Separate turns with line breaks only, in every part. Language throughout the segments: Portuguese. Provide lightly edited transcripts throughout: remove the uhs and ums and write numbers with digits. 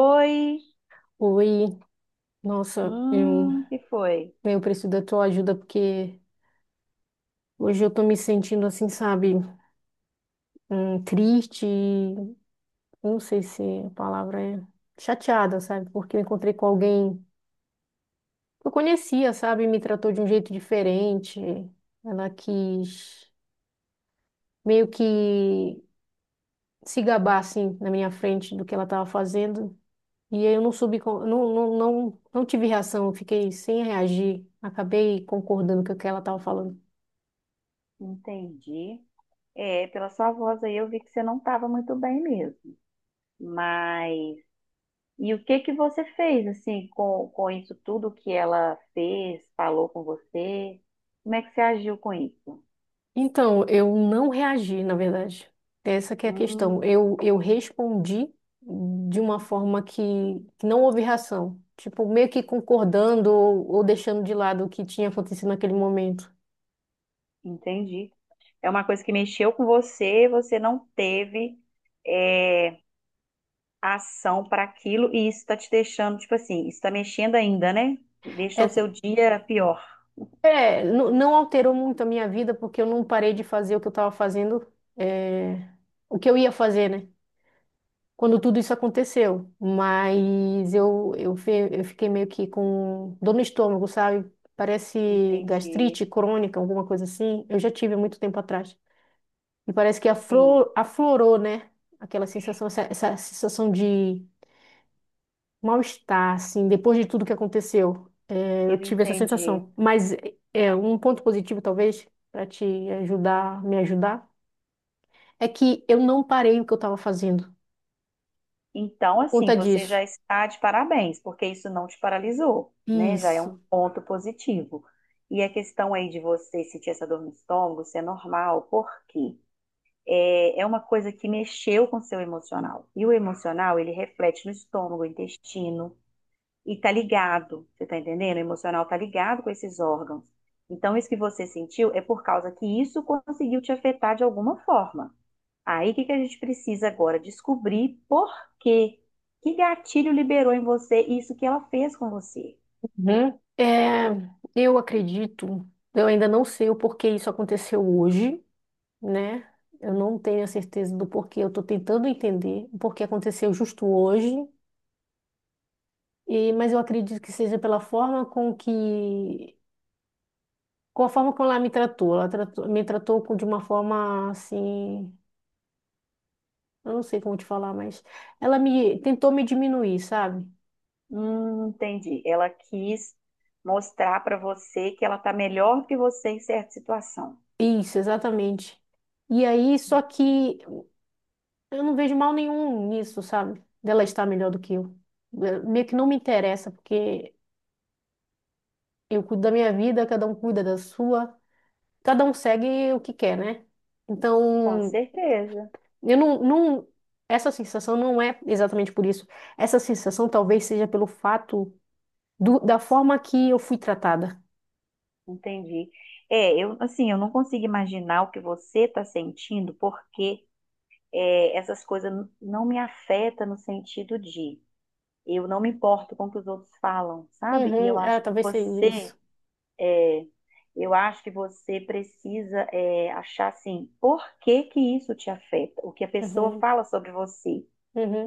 Oi,
Oi, nossa, eu,
que foi?
eu preciso da tua ajuda porque hoje eu tô me sentindo assim, sabe, triste, não sei se a palavra é chateada, sabe, porque eu encontrei com alguém que eu conhecia, sabe, me tratou de um jeito diferente, ela quis meio que se gabar, assim, na minha frente do que ela tava fazendo, e aí eu não soube, não tive reação, eu fiquei sem reagir, acabei concordando com o que ela tava falando.
Entendi. É, pela sua voz aí eu vi que você não estava muito bem mesmo. Mas e o que que você fez assim com isso tudo que ela fez, falou com você? Como é que você agiu com isso?
Então, eu não reagi, na verdade. Essa que é a
Hum,
questão. Eu respondi de uma forma que não houve reação. Tipo, meio que concordando ou deixando de lado o que tinha acontecido naquele momento.
entendi. É uma coisa que mexeu com você, você não teve é, ação para aquilo e isso está te deixando, tipo assim, isso está mexendo ainda, né?
É,
Deixou seu dia pior.
é, não alterou muito a minha vida, porque eu não parei de fazer o que eu estava fazendo, é, o que eu ia fazer, né? Quando tudo isso aconteceu, mas eu fiquei meio que com dor no estômago, sabe? Parece
Entendi.
gastrite crônica, alguma coisa assim. Eu já tive há muito tempo atrás. E parece que
Sim,
aflorou, né? Aquela sensação, essa sensação de mal-estar, assim, depois de tudo que aconteceu. É, eu
eu
tive essa
entendi.
sensação. Mas é, um ponto positivo, talvez, para te ajudar, me ajudar, é que eu não parei o que eu estava fazendo
Então,
por
assim,
conta
você já
disso.
está de parabéns, porque isso não te paralisou, né? Já é um
Isso.
ponto positivo. E a questão aí de você sentir essa dor no estômago, isso é normal, porque é uma coisa que mexeu com o seu emocional. E o emocional, ele reflete no estômago, intestino, e tá ligado, você tá entendendo? O emocional tá ligado com esses órgãos. Então, isso que você sentiu é por causa que isso conseguiu te afetar de alguma forma. Aí, o que que a gente precisa agora? Descobrir por quê. Que gatilho liberou em você isso que ela fez com você?
Uhum. É, eu acredito, eu ainda não sei o porquê isso aconteceu hoje, né? Eu não tenho a certeza do porquê, eu estou tentando entender o porquê aconteceu justo hoje, e, mas eu acredito que seja pela forma com com a forma como ela me tratou. Me tratou de uma forma assim, eu não sei como te falar, mas ela me diminuir, sabe?
Entendi. Ela quis mostrar para você que ela tá melhor que você em certa situação.
Isso, exatamente. E aí, só que eu não vejo mal nenhum nisso, sabe? Dela estar melhor do que eu. Meio que não me interessa, porque eu cuido da minha vida, cada um cuida da sua, cada um segue o que quer, né?
Com
Então,
certeza,
eu não, não, essa sensação não é exatamente por isso. Essa sensação talvez seja pelo fato da forma que eu fui tratada.
entendi. É, eu, assim, eu não consigo imaginar o que você está sentindo, porque essas coisas não me afetam no sentido de eu não me importo com o que os outros falam, sabe? E eu
Uhum, é,
acho que
talvez seja
você
isso.
é, eu acho que você precisa achar assim, por que que isso te afeta? O que a pessoa
Uhum,
fala sobre você?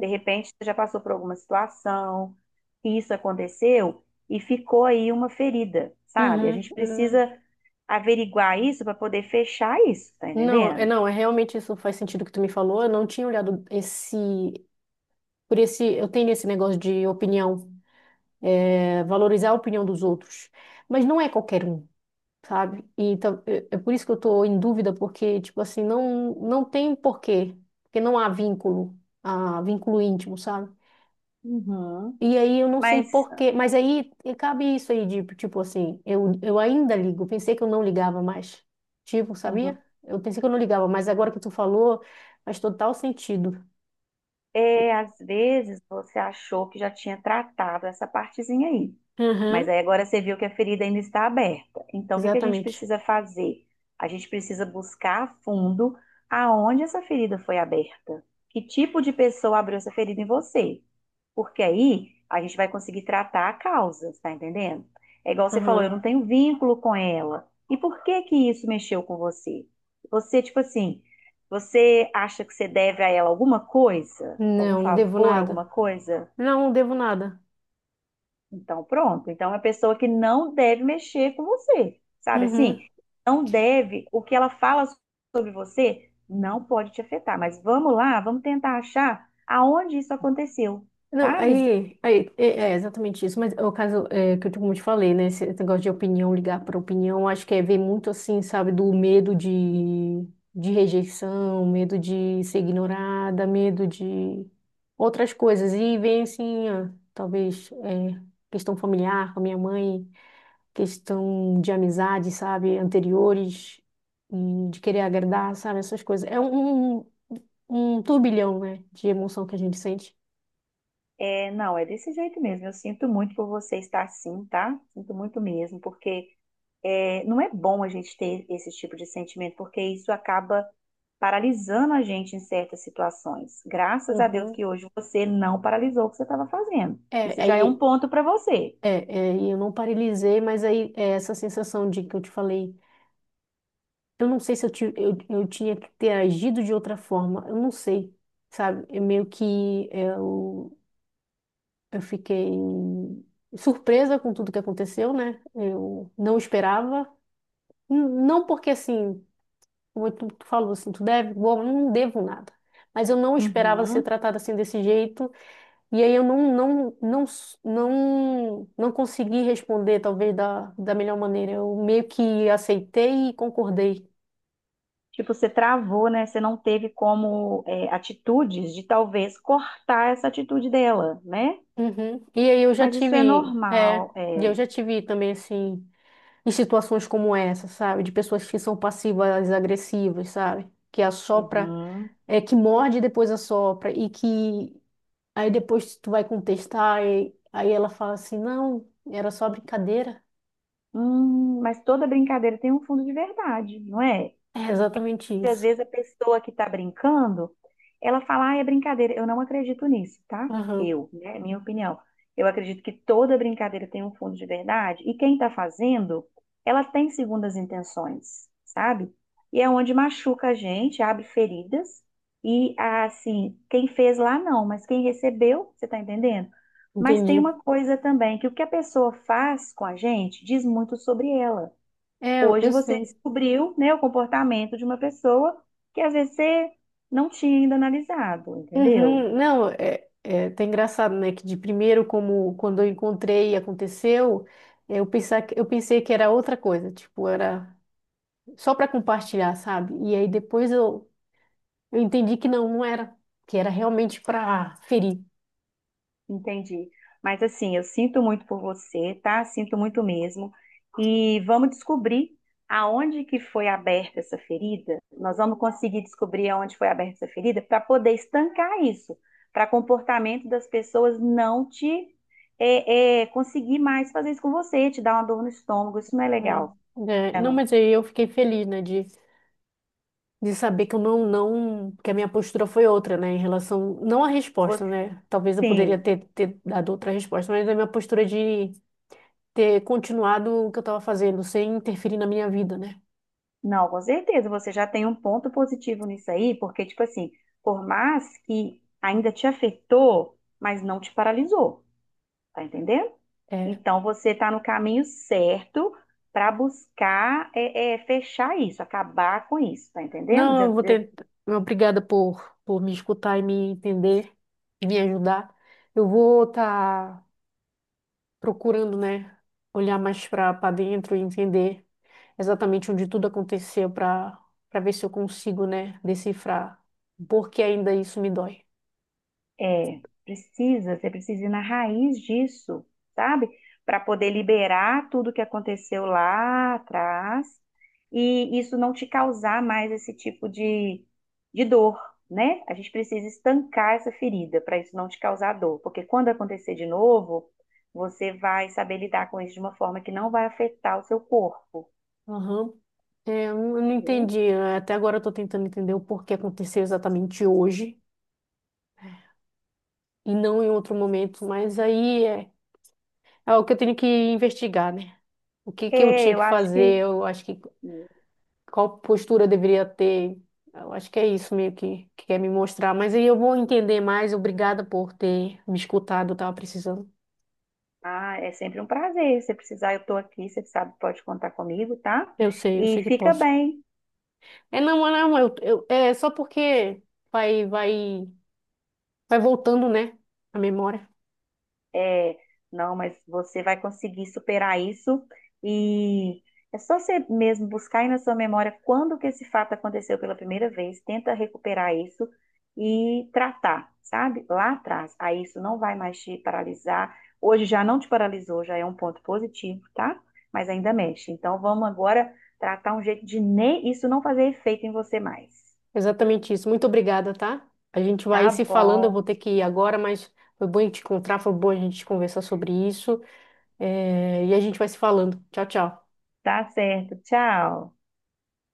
De repente, você já passou por alguma situação, e isso aconteceu e ficou aí uma ferida, sabe? A
uhum.
gente
Uhum.
precisa averiguar isso para poder fechar isso, tá
Não, é,
entendendo?
não, é, realmente isso faz sentido que tu me falou. Eu não tinha olhado esse. Por esse, eu tenho esse negócio de opinião, é, valorizar a opinião dos outros, mas não é qualquer um, sabe? E então é por isso que eu tô em dúvida, porque tipo assim, não tem porquê, porque não há vínculo, ah, vínculo íntimo, sabe?
Uhum,
E aí eu não sei
mas
porquê, mas aí e cabe isso aí de tipo assim, eu ainda ligo, pensei que eu não ligava mais. Tipo, sabia?
uhum,
Eu pensei que eu não ligava, mas agora que tu falou, faz total sentido.
é, às vezes você achou que já tinha tratado essa partezinha aí. Mas
Aham,
aí agora você viu que a ferida ainda está aberta. Então, o que que a gente
exatamente.
precisa fazer? A gente precisa buscar a fundo aonde essa ferida foi aberta. Que tipo de pessoa abriu essa ferida em você? Porque aí a gente vai conseguir tratar a causa, tá entendendo? É igual você falou, eu não
Aham.
tenho vínculo com ela. E por que que isso mexeu com você? Você, tipo assim, você acha que você deve a ela alguma coisa? Algum
Não, não devo
favor,
nada.
alguma coisa?
Não, não devo nada.
Então, pronto. Então, é uma pessoa que não deve mexer com você, sabe
Uhum.
assim? Não deve, o que ela fala sobre você não pode te afetar. Mas vamos lá, vamos tentar achar aonde isso aconteceu,
Não,
sabe?
aí é, é exatamente isso, mas é, o caso é, que eu, como eu te falei, né, esse negócio de opinião, ligar para opinião, acho que é ver muito assim, sabe, do medo de rejeição, medo de ser ignorada, medo de outras coisas, e vem assim, ó, talvez é, questão familiar com a minha mãe, questão de amizade, sabe, anteriores, e de querer agradar, sabe, essas coisas. Um turbilhão, né, de emoção que a gente sente.
É, não, é desse jeito mesmo. Eu sinto muito por você estar assim, tá? Sinto muito mesmo, porque não é bom a gente ter esse tipo de sentimento, porque isso acaba paralisando a gente em certas situações. Graças a Deus
Uhum.
que hoje você não paralisou o que você estava fazendo.
É,
Isso já é um
aí,
ponto para você.
é, é, e eu não paralisei, mas aí é essa sensação de que eu te falei, eu não sei se eu tinha que ter agido de outra forma, eu não sei, sabe? Eu fiquei surpresa com tudo que aconteceu, né? Eu não esperava. Não porque assim, como tu falou assim, tu deve, bom, eu não devo nada, mas eu não esperava ser
Uhum.
tratada assim desse jeito. E aí eu não, não, não, s- não, não consegui responder, talvez, da melhor maneira. Eu meio que aceitei e concordei.
Tipo, você travou, né? Você não teve como atitudes de talvez cortar essa atitude dela, né?
Uhum. E aí eu já
Mas isso é
tive, é,
normal,
e
é.
eu já tive também, assim, em situações como essa, sabe? De pessoas que são passivas, agressivas, sabe? Que assopra,
Uhum.
é, que morde e depois assopra. E que aí depois tu vai contestar e aí ela fala assim, não, era só brincadeira.
Mas toda brincadeira tem um fundo de verdade, não é?
É exatamente
Às
isso.
vezes a pessoa que está brincando, ela fala, ah, é brincadeira. Eu não acredito nisso, tá?
Aham,
Eu, né? É minha opinião. Eu acredito que toda brincadeira tem um fundo de verdade e quem está fazendo, ela tem segundas intenções, sabe? E é onde machuca a gente, abre feridas e assim, quem fez lá não, mas quem recebeu, você está entendendo? Mas tem
entendi.
uma coisa também, que o que a pessoa faz com a gente diz muito sobre ela.
É, eu
Hoje
eu
você
sei.
descobriu, né, o comportamento de uma pessoa que às vezes você não tinha ainda analisado, entendeu?
Uhum. Não, é, é, tá engraçado, né? Que de primeiro, como quando eu encontrei e aconteceu, eu pensar, eu pensei que era outra coisa, tipo, era só para compartilhar, sabe? E aí eu entendi que não, não era, que era realmente para ferir,
Entendi. Mas assim, eu sinto muito por você, tá? Sinto muito mesmo. E vamos descobrir aonde que foi aberta essa ferida. Nós vamos conseguir descobrir aonde foi aberta essa ferida para poder estancar isso, para comportamento das pessoas não te conseguir mais fazer isso com você, te dar uma dor no estômago. Isso não é
né?
legal.
É,
Tá
não,
vendo?
mas aí eu fiquei feliz, né? De saber que eu não, não, que a minha postura foi outra, né? Em relação, não à resposta, né? Talvez eu poderia
Você,
ter dado outra resposta, mas a minha postura de ter continuado o que eu estava fazendo, sem interferir na minha vida, né?
não, com certeza, você já tem um ponto positivo nisso aí, porque, tipo assim, por mais que ainda te afetou, mas não te paralisou, tá entendendo?
É.
Então, você tá no caminho certo para buscar fechar isso, acabar com isso, tá entendendo?
Não, eu vou ter. Obrigada por me escutar e me entender e me ajudar. Eu vou estar procurando, né? Olhar mais para para dentro e entender exatamente onde tudo aconteceu para para ver se eu consigo, né? Decifrar por que ainda isso me dói.
É, precisa, você precisa ir na raiz disso, sabe? Para poder liberar tudo que aconteceu lá atrás e isso não te causar mais esse tipo de dor, né? A gente precisa estancar essa ferida para isso não te causar dor, porque quando acontecer de novo, você vai saber lidar com isso de uma forma que não vai afetar o seu corpo,
Aham. É, eu não
viu?
entendi. Até agora eu estou tentando entender o porquê aconteceu exatamente hoje e não em outro momento. Mas aí é, é o que eu tenho que investigar, né? O que que eu
É,
tinha
eu
que
acho
fazer?
que.
Eu acho que qual postura eu deveria ter? Eu acho que é isso meio que quer me mostrar. Mas aí eu vou entender mais. Obrigada por ter me escutado. Eu tava precisando.
Ah, é sempre um prazer. Se precisar, eu estou aqui, você sabe, pode contar comigo, tá?
Eu
E
sei que
fica
posso.
bem.
É, não, não, é só porque vai, vai, vai voltando, né? A memória.
É, não, mas você vai conseguir superar isso e é só você mesmo buscar aí na sua memória quando que esse fato aconteceu pela primeira vez, tenta recuperar isso e tratar, sabe? Lá atrás. Aí isso não vai mais te paralisar. Hoje já não te paralisou, já é um ponto positivo, tá? Mas ainda mexe. Então vamos agora tratar um jeito de nem isso não fazer efeito em você mais.
Exatamente isso. Muito obrigada, tá? A gente vai
Tá
se falando. Eu
bom,
vou ter que ir agora, mas foi bom te encontrar. Foi bom a gente conversar sobre isso. É, e a gente vai se falando. Tchau, tchau.
tá certo. Tchau.